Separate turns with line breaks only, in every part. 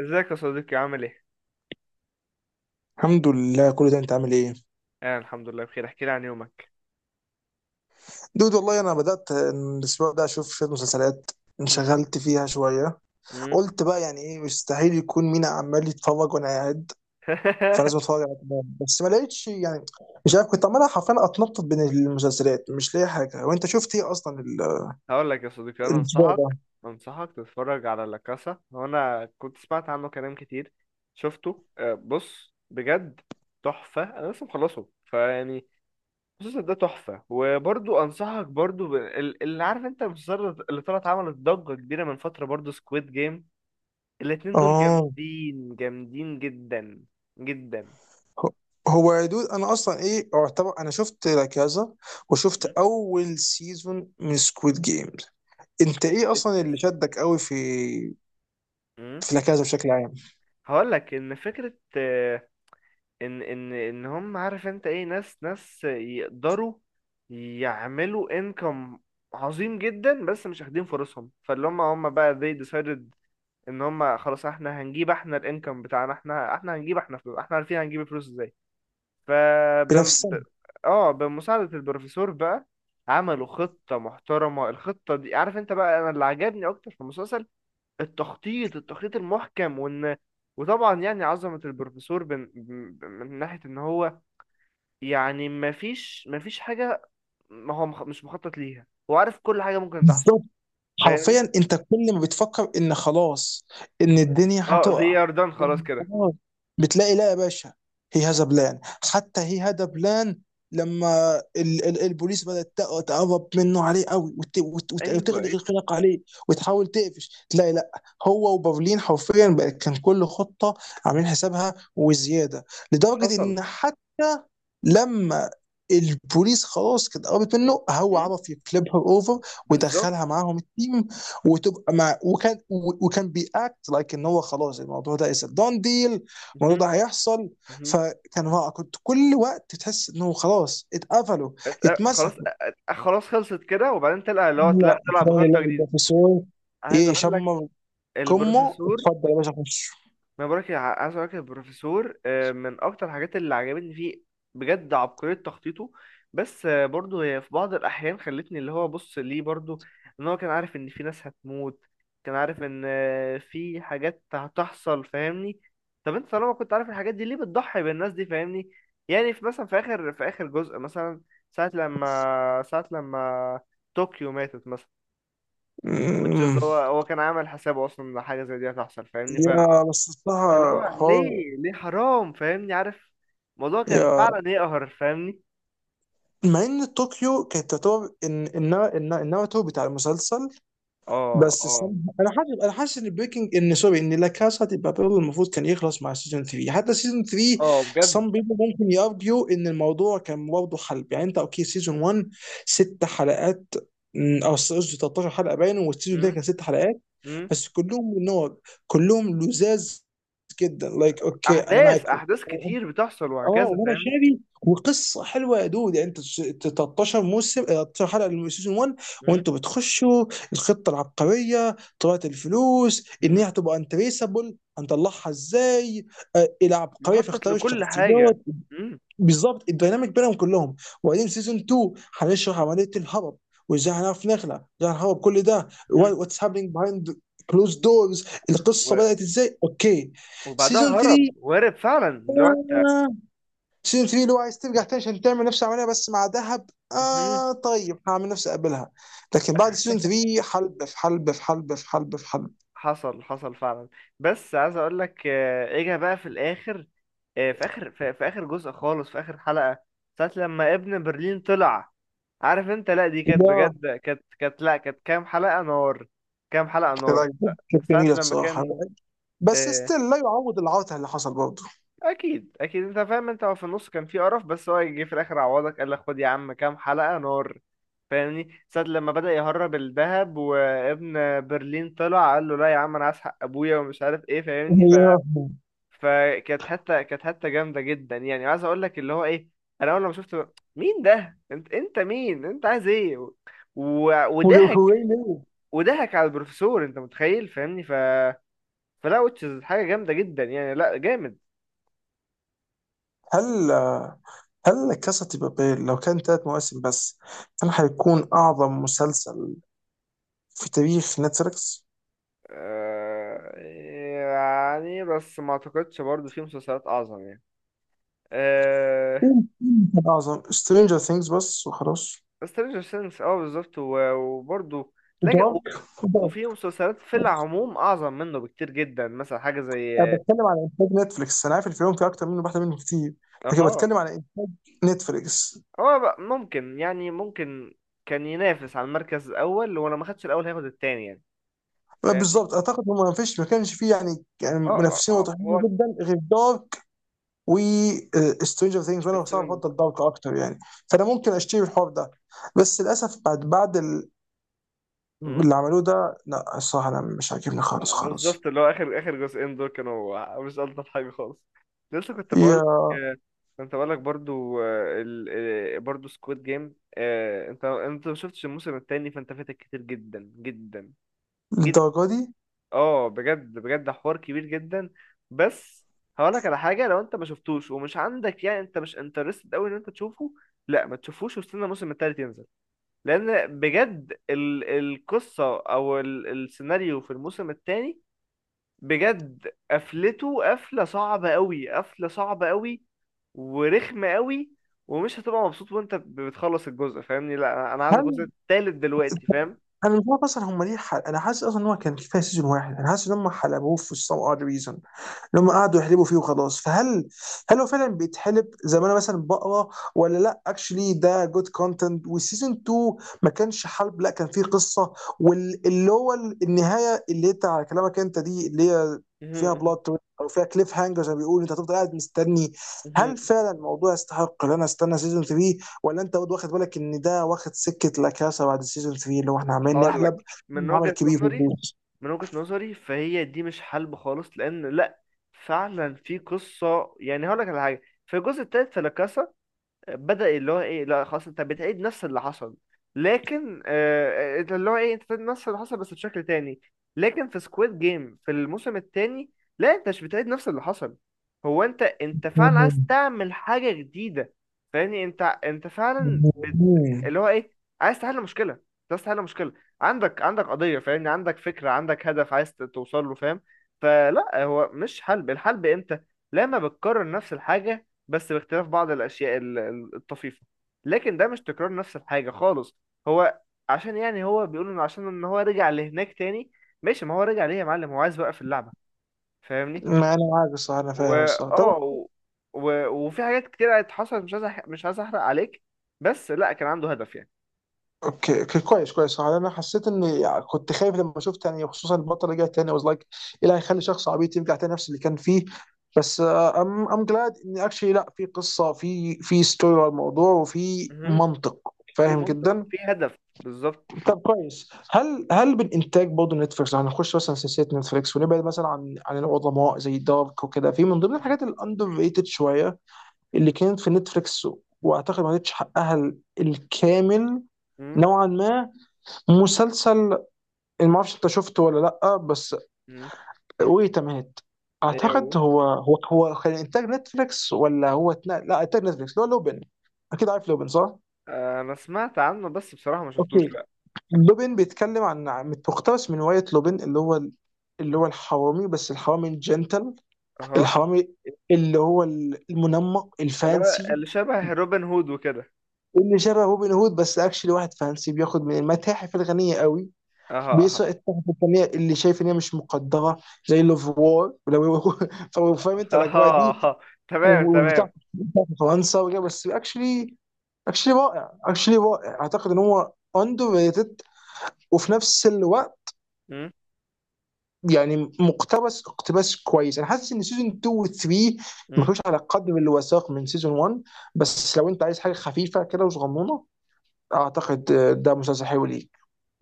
ازيك يا صديقي، عامل ايه؟
الحمد لله، كل ده انت عامل ايه؟
انا الحمد لله بخير. احكي لي عن يومك.
دود، والله انا بدات الاسبوع ده اشوف شويه مسلسلات،
مم.
انشغلت فيها شويه.
مم.
قلت بقى، يعني ايه، مستحيل يكون مينا عمال يتفرج وانا قاعد. فلازم اتفرج على كمان، بس ما لقيتش يعني. مش عارف، كنت عمال حرفيا اتنطط بين المسلسلات، مش لاقي حاجه، وانت شفت ايه اصلا
هقول لك يا صديقي، انا
الاسبوع
انصحك
ده؟
انصحك تتفرج على لا كاسا. هو انا كنت سمعت عنه كلام كتير. شفته، بص بجد تحفة. انا لسه مخلصه، فيعني المسلسل ده تحفة. وبرضو انصحك برضو اللي، عارف انت، المسلسل اللي طلعت عملت ضجة كبيرة من فترة، برضو سكويد جيم. الاتنين دول
اه،
جامدين جامدين جدا جدا.
هو يا دود، انا اصلا ايه، اعتبر انا شفت لا كازا وشفت
مم.
اول سيزون من سكويد جيمز. انت ايه اصلا
إيه.
اللي شدك قوي في
مم.
في العكازه بشكل عام؟
هقول لك ان فكره، ان هم، عارف انت ايه، ناس يقدروا يعملوا انكم عظيم جدا، بس مش واخدين فرصهم. فاللي هم بقى they decided ان هم خلاص. احنا هنجيب احنا الانكم بتاعنا، احنا هنجيب احنا فلوس، احنا عارفين هنجيب الفلوس ازاي. ف
بنفس
بم-
السنه.
ب... اه، بمساعده البروفيسور بقى عملوا خطه محترمه. الخطه دي، عارف انت بقى، انا اللي عجبني اكتر في المسلسل التخطيط المحكم. وطبعا يعني عظمة البروفيسور من ناحية ان هو يعني ما فيش حاجة ما هو مش مخطط ليها. هو عارف كل حاجة ممكن تحصل،
بالضبط.
فاهم؟
حرفيا، انت كل ما بتفكر ان خلاص، ان الدنيا
اه، they
هتقع،
are done، خلاص
إن
كده.
خلاص، بتلاقي لا يا باشا. هي هذا بلان، حتى هي هذا بلان. لما ال البوليس بدأت تقرب منه عليه قوي
ايوه،
وتغلق
ايه.
الخناق عليه، وتحاول تقفش، تلاقي لا. هو وبرلين حرفيا بقى كان كل خطة عاملين حسابها وزيادة، لدرجة
حصل.
ان حتى لما البوليس خلاص كانت قربت منه، هو
مم،
عرف يكلبها اوفر
بالظبط.
ودخلها معاهم التيم، وتبقى مع، وكان بياكت لايك ان هو خلاص الموضوع ده از دون ديل، الموضوع
مهم،
ده هيحصل.
مهم.
فكان رائع، كنت كل وقت تحس انه خلاص اتقفلوا،
خلاص
اتمسكوا،
خلاص، خلصت كده، وبعدين تلقى اللي هو لا،
لا
تلعب
تلاقي لا
بخطة جديدة.
البروفيسور
عايز اقول لك
يشمر كمه،
البروفيسور،
اتفضل يا باشا خش.
ما بقولك يا- عايز اقولك يا بروفيسور، من اكتر الحاجات اللي عجبتني فيه بجد عبقرية تخطيطه. بس، برضه هي في بعض الاحيان خلتني اللي هو بص ليه برضه. ان هو كان عارف ان في ناس هتموت، كان عارف ان في حاجات هتحصل، فاهمني؟ طب انت طالما كنت عارف الحاجات دي، ليه بتضحي بالناس دي؟ فاهمني، يعني في مثلا في اخر جزء مثلا، ساعة لما طوكيو ماتت مثلا. which is
أمم.
هو كان عامل حسابه اصلا ان حاجة زي دي هتحصل، فاهمني؟
يا، بس
اللي
الصراحة
هو
حوار،
ليه، ليه حرام؟ فاهمني، عارف الموضوع كان
يا،
فعلا يقهر، فاهمني.
مع ان طوكيو كانت تعتبر ان الناراتيف بتاع المسلسل.
اه،
بس
اه،
الصراحة، انا حاسس ان بريكنج ان سوري ان لا كاسا دي بابيل المفروض كان يخلص مع سيزون 3، حتى سيزون 3.
اه،
some
بجد.
people ممكن يارجيو ان الموضوع كان برضه حلب، يعني انت اوكي، سيزون 1، ست حلقات، او قصدي 13 حلقه باين، والسيزون الثاني
مم،
كان ست حلقات.
مم.
بس كلهم نور، كلهم لزاز جدا، اوكي انا
احداث
معاكم.
احداث كتير بتحصل
اه،
وهكذا،
وانا
فاهم؟
شاري، وقصه حلوه يا دود، يعني انت 13 موسم، 13 حلقه من سيزون 1
مم،
وانتوا بتخشوا الخطه العبقريه، طلعه الفلوس ان هي
مم.
هتبقى انتريسابل، هنطلعها ازاي؟ إيه العبقريه في
مخطط
اختيار
لكل حاجه.
الشخصيات،
مم،
بالظبط الديناميك بينهم كلهم. وبعدين سيزون 2، هنشرح عمليه الهرب وازاي هنعرف نخلع، ازاي هنهرب، كل ده
مم.
واتس هابينج بيهايند كلوز دورز، القصه
و-
بدات ازاي، اوكي.
وبعدها
سيزون
هرب،
3.
وهرب فعلا لو انت.
سيزون 3 اللي هو عايز ترجع تاني عشان تعمل نفس العمليه، بس مع ذهب.
مم.
اه، طيب هعمل نفسي اقبلها. لكن بعد سيزون 3، حلب في حلب في حلب في حلب في حلب.
حصل، حصل فعلا. بس عايز اقول لك، اجا بقى في الاخر، في اخر في اخر جزء خالص، في اخر حلقة، ساعة لما ابن برلين طلع. عارف انت، لا دي كانت
لا،
بجد، كانت كانت لا كانت كام حلقة نار. كام حلقة نار.
لا، كانت
ساعة
جميله
لما
الصراحه،
كان،
بس
آه،
ستيل لا يعوض العوته اللي حصل برضه.
اكيد اكيد انت فاهم. انت هو في النص كان في قرف، بس هو جه في الاخر عوضك، قال لك خد يا عم كام حلقة نار. فاهمني، ساعة لما بدأ يهرب الذهب، وابن برلين طلع قال له لا يا عم، انا عايز حق ابويا ومش عارف ايه، فاهمني.
يا،
فكانت حتة، كانت حتة جامدة جدا. يعني عايز اقول لك اللي هو ايه، انا اول ما شفت مين ده، انت مين، انت عايز ايه،
هو
وضحك،
هو ليه؟
وضحك على البروفيسور، انت متخيل؟ فاهمني، فلا، وتشز حاجة جامدة جدا، يعني لا، جامد.
هل هل كاسا دي بابيل لو كان ثلاث مواسم بس، هل هيكون اعظم مسلسل في تاريخ نتفليكس؟
يعني بس ما اعتقدش برضو في مسلسلات اعظم، يعني. آه...
كان اعظم سترينجر ثينجز بس وخلاص.
سترينجر ثينجز، اه بالظبط، وبرضو لكن
ودارك، ودارك.
وفي مسلسلات في العموم اعظم منه بكتير جدا، مثلا حاجة زي
انا بتكلم على انتاج نتفليكس، انا عارف ان في يوم في اكتر منه، واحده منه كتير، لكن
اها.
بتكلم على انتاج نتفليكس.
هو بقى ممكن، ممكن كان ينافس على المركز الاول، ولو ما خدش الاول هياخد التاني، يعني فاهمني.
بالظبط، اعتقد هم ما كانش فيه يعني
اه،
منافسين
هو
واضحين جدا غير دارك و سترينجر ثينجز، وانا بصراحه
السيرن
بفضل دارك اكتر يعني. فانا ممكن اشتري الحوار ده، بس للاسف بعد اللي عملوه ده، لا الصراحه انا مش عاجبني خالص خالص.
بالظبط. اللي هو اخر جزئين دول كانوا مش الطف حاجه خالص. لسه كنت بقول
يا،
لك، آه، كنت بقول لك برضو، آه، ال... آه، برضو سكواد جيم. انت ما شفتش الموسم التاني، فانت فاتك كتير جدا جدا جدا.
للدرجه دي؟
اه، بجد بجد حوار كبير جدا. بس هقولك على حاجه، لو انت ما شفتوش ومش عندك يعني، انت مش انترستد قوي ان انت تشوفه، لا ما تشوفوش، واستنى الموسم التالت ينزل. لان بجد القصه او السيناريو في الموسم التاني بجد قفلته قفله صعبه قوي، قفله صعبه قوي، ورخمه قوي. ومش هتبقى مبسوط وانت بتخلص الجزء، فاهمني. لا انا، عايز الجزء التالت دلوقتي، فاهم؟
انا مش عارف اصلا هم ليه انا حاسس اصلا ان هو كان كفايه سيزون واحد، انا حاسس ان هم حلبوه في some odd reason، ان هم قعدوا يحلبوا فيه وخلاص، فهل هو فعلا بيتحلب زي ما انا مثلا بقرا، ولا لا، اكشلي ده جود كونتنت، والسيزون 2 ما كانش حلب، لا كان فيه قصه، واللي هو النهايه اللي انت على كلامك انت دي اللي هي فيها بلوت او فيها كليف هانجر زي ما بيقولوا، انت هتفضل قاعد مستني. هل فعلا الموضوع يستحق ان انا استنى سيزون 3؟ ولا انت برضه واخد بالك ان ده واخد سكه لاكاسا بعد السيزون 3، اللي هو احنا عمالين
هقول
نحلب
لك من
عمل
وجهة
كبير في
نظري،
الفلوس؟
من وجهة نظري، فهي دي مش حلب خالص، لان لا، فعلا في قصه. يعني هقول لك على حاجه، في الجزء الثالث في لاكاسا بدا اللي هو ايه، لا خلاص، انت بتعيد نفس اللي حصل. لكن آه، إنت اللي هو ايه، انت بتعيد نفس اللي حصل بس بشكل تاني. لكن في سكويد جيم في الموسم الثاني، لا انت مش بتعيد نفس اللي حصل. هو انت فعلا عايز
مم.
تعمل حاجه جديده. فاهمني، انت فعلا
مم.
اللي هو ايه، عايز تحل مشكله. أنت عايز تحل مشكله، عندك قضيه، فاهمني. عندك فكره، عندك هدف، عايز توصل له، فاهم؟ فلا، هو مش حلب. الحلب امتى؟ لما بتكرر نفس الحاجه بس باختلاف بعض الاشياء الطفيفه. لكن ده مش تكرار نفس الحاجه خالص. هو عشان، يعني هو بيقول ان عشان ان هو رجع لهناك تاني. ماشي، ما هو رجع ليه يا معلم؟ هو عايز يوقف اللعبه، فاهمني.
ما انا عارف الصراحه، انا فاهم
واه،
الصراحه، طب.
و... وفي حاجات كتير حصلت، مش عايز مش عايز احرق عليك، بس لا كان عنده هدف يعني.
اوكي، اوكي، كويس، كويس، صراحه انا حسيت اني كنت خايف لما شفت يعني، خصوصا البطل رجع تاني، I was like ايه اللي هيخلي شخص عبيط يرجع تاني نفس اللي كان فيه، بس ام ام جلاد ان اكشلي، لا في قصه، في ستوري على الموضوع، وفي
مهم.
منطق.
في
فاهم
منطق،
جدا.
في هدف، بالظبط.
طب كويس، هل من انتاج برضه نتفليكس، يعني هنخش مثلا سلسله نتفليكس، ونبعد مثلا عن العظماء زي دارك وكده، في من ضمن
مم.
الحاجات الاندر ريتد شويه اللي كانت في نتفليكس، واعتقد ما خدتش حقها الكامل
مم.
نوعا ما. مسلسل، ما اعرفش انت شفته ولا لا، بس
مم.
ويت مات،
ايه هو.
اعتقد هو كان انتاج نتفليكس، ولا هو لا، انتاج نتفليكس، اللي هو لوبن. اكيد عارف لوبن، صح؟
انا سمعت عنه، بس بصراحة ما شفتوش
اوكي.
لا.
لوبين بيتكلم مقتبس من رواية لوبين، اللي هو اللي هو الحرامي، بس الحرامي الجنتل،
اها.
الحرامي اللي هو المنمق
اللي هو
الفانسي،
اللي شبه روبن هود وكده.
اللي شبه روبن هود، بس اكشلي واحد فانسي بياخد من المتاحف الغنية قوي،
اها، اها،
بيسرق التحف الفنية اللي شايف ان هي مش مقدرة، زي لوفوار لو فهو فاهم انت الاجواء
اها،
دي،
اها. تمام،
والبتاع
تمام.
بتاع في فرنسا وكده. بس اكشلي، اكشلي رائع، اكشلي رائع، اعتقد ان هو اندر ريتد، وفي نفس الوقت
مم.
يعني مقتبس اقتباس كويس. انا حاسس ان سيزون 2 و 3 ما
مم.
كانوش على قدر الوثائق من سيزون 1، بس لو انت عايز حاجه خفيفه كده وصغنونه، اعتقد ده مسلسل حلو ليك.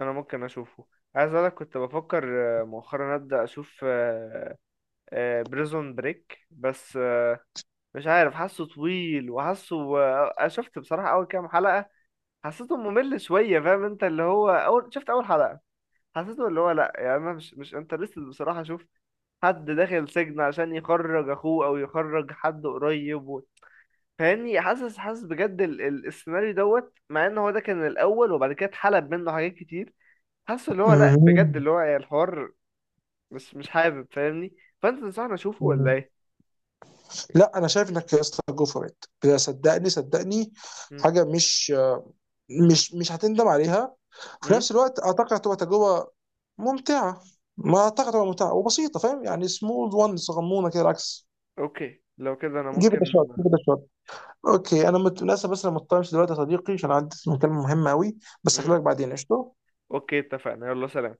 انا ممكن اشوفه. عايز اقولك كنت بفكر، مؤخرا ابدا اشوف بريزون بريك. بس، مش عارف، حاسه طويل، وحاسه، شفت بصراحة اول كام حلقة، حسيته ممل شوية، فاهم انت. اللي هو اول شفت اول حلقة، حسيته اللي هو لا، يعني انا مش انترستد بصراحه اشوف حد داخل سجن عشان يخرج اخوه او يخرج حد قريب، فاهمني. حاسس بجد السيناريو دوت، مع ان هو ده كان الاول وبعد كده اتحلب منه حاجات كتير. حاسس اللي هو لا، بجد
مهم.
اللي هو يعني الحوار مش حابب، فاهمني. فانت تنصحني اشوفه ولا
مهم.
ايه؟
لا، انا شايف انك يا اسطى جو فور ات، صدقني، صدقني، حاجه مش هتندم عليها. في
امم.
نفس الوقت، اعتقد هتبقى تجربه ممتعه، ما اعتقد هتبقى ممتعه وبسيطه، فاهم يعني سمول وان صغنونه كده، العكس.
اوكي لو كده انا
جيب ات
ممكن.
شوت، جيب ات. اوكي، انا للاسف بس انا مضطر امشي دلوقتي يا صديقي عشان عندي مكالمة مهمة قوي، بس
امم.
هكلمك بعدين، قشطة.
اوكي اتفقنا، يلا سلام.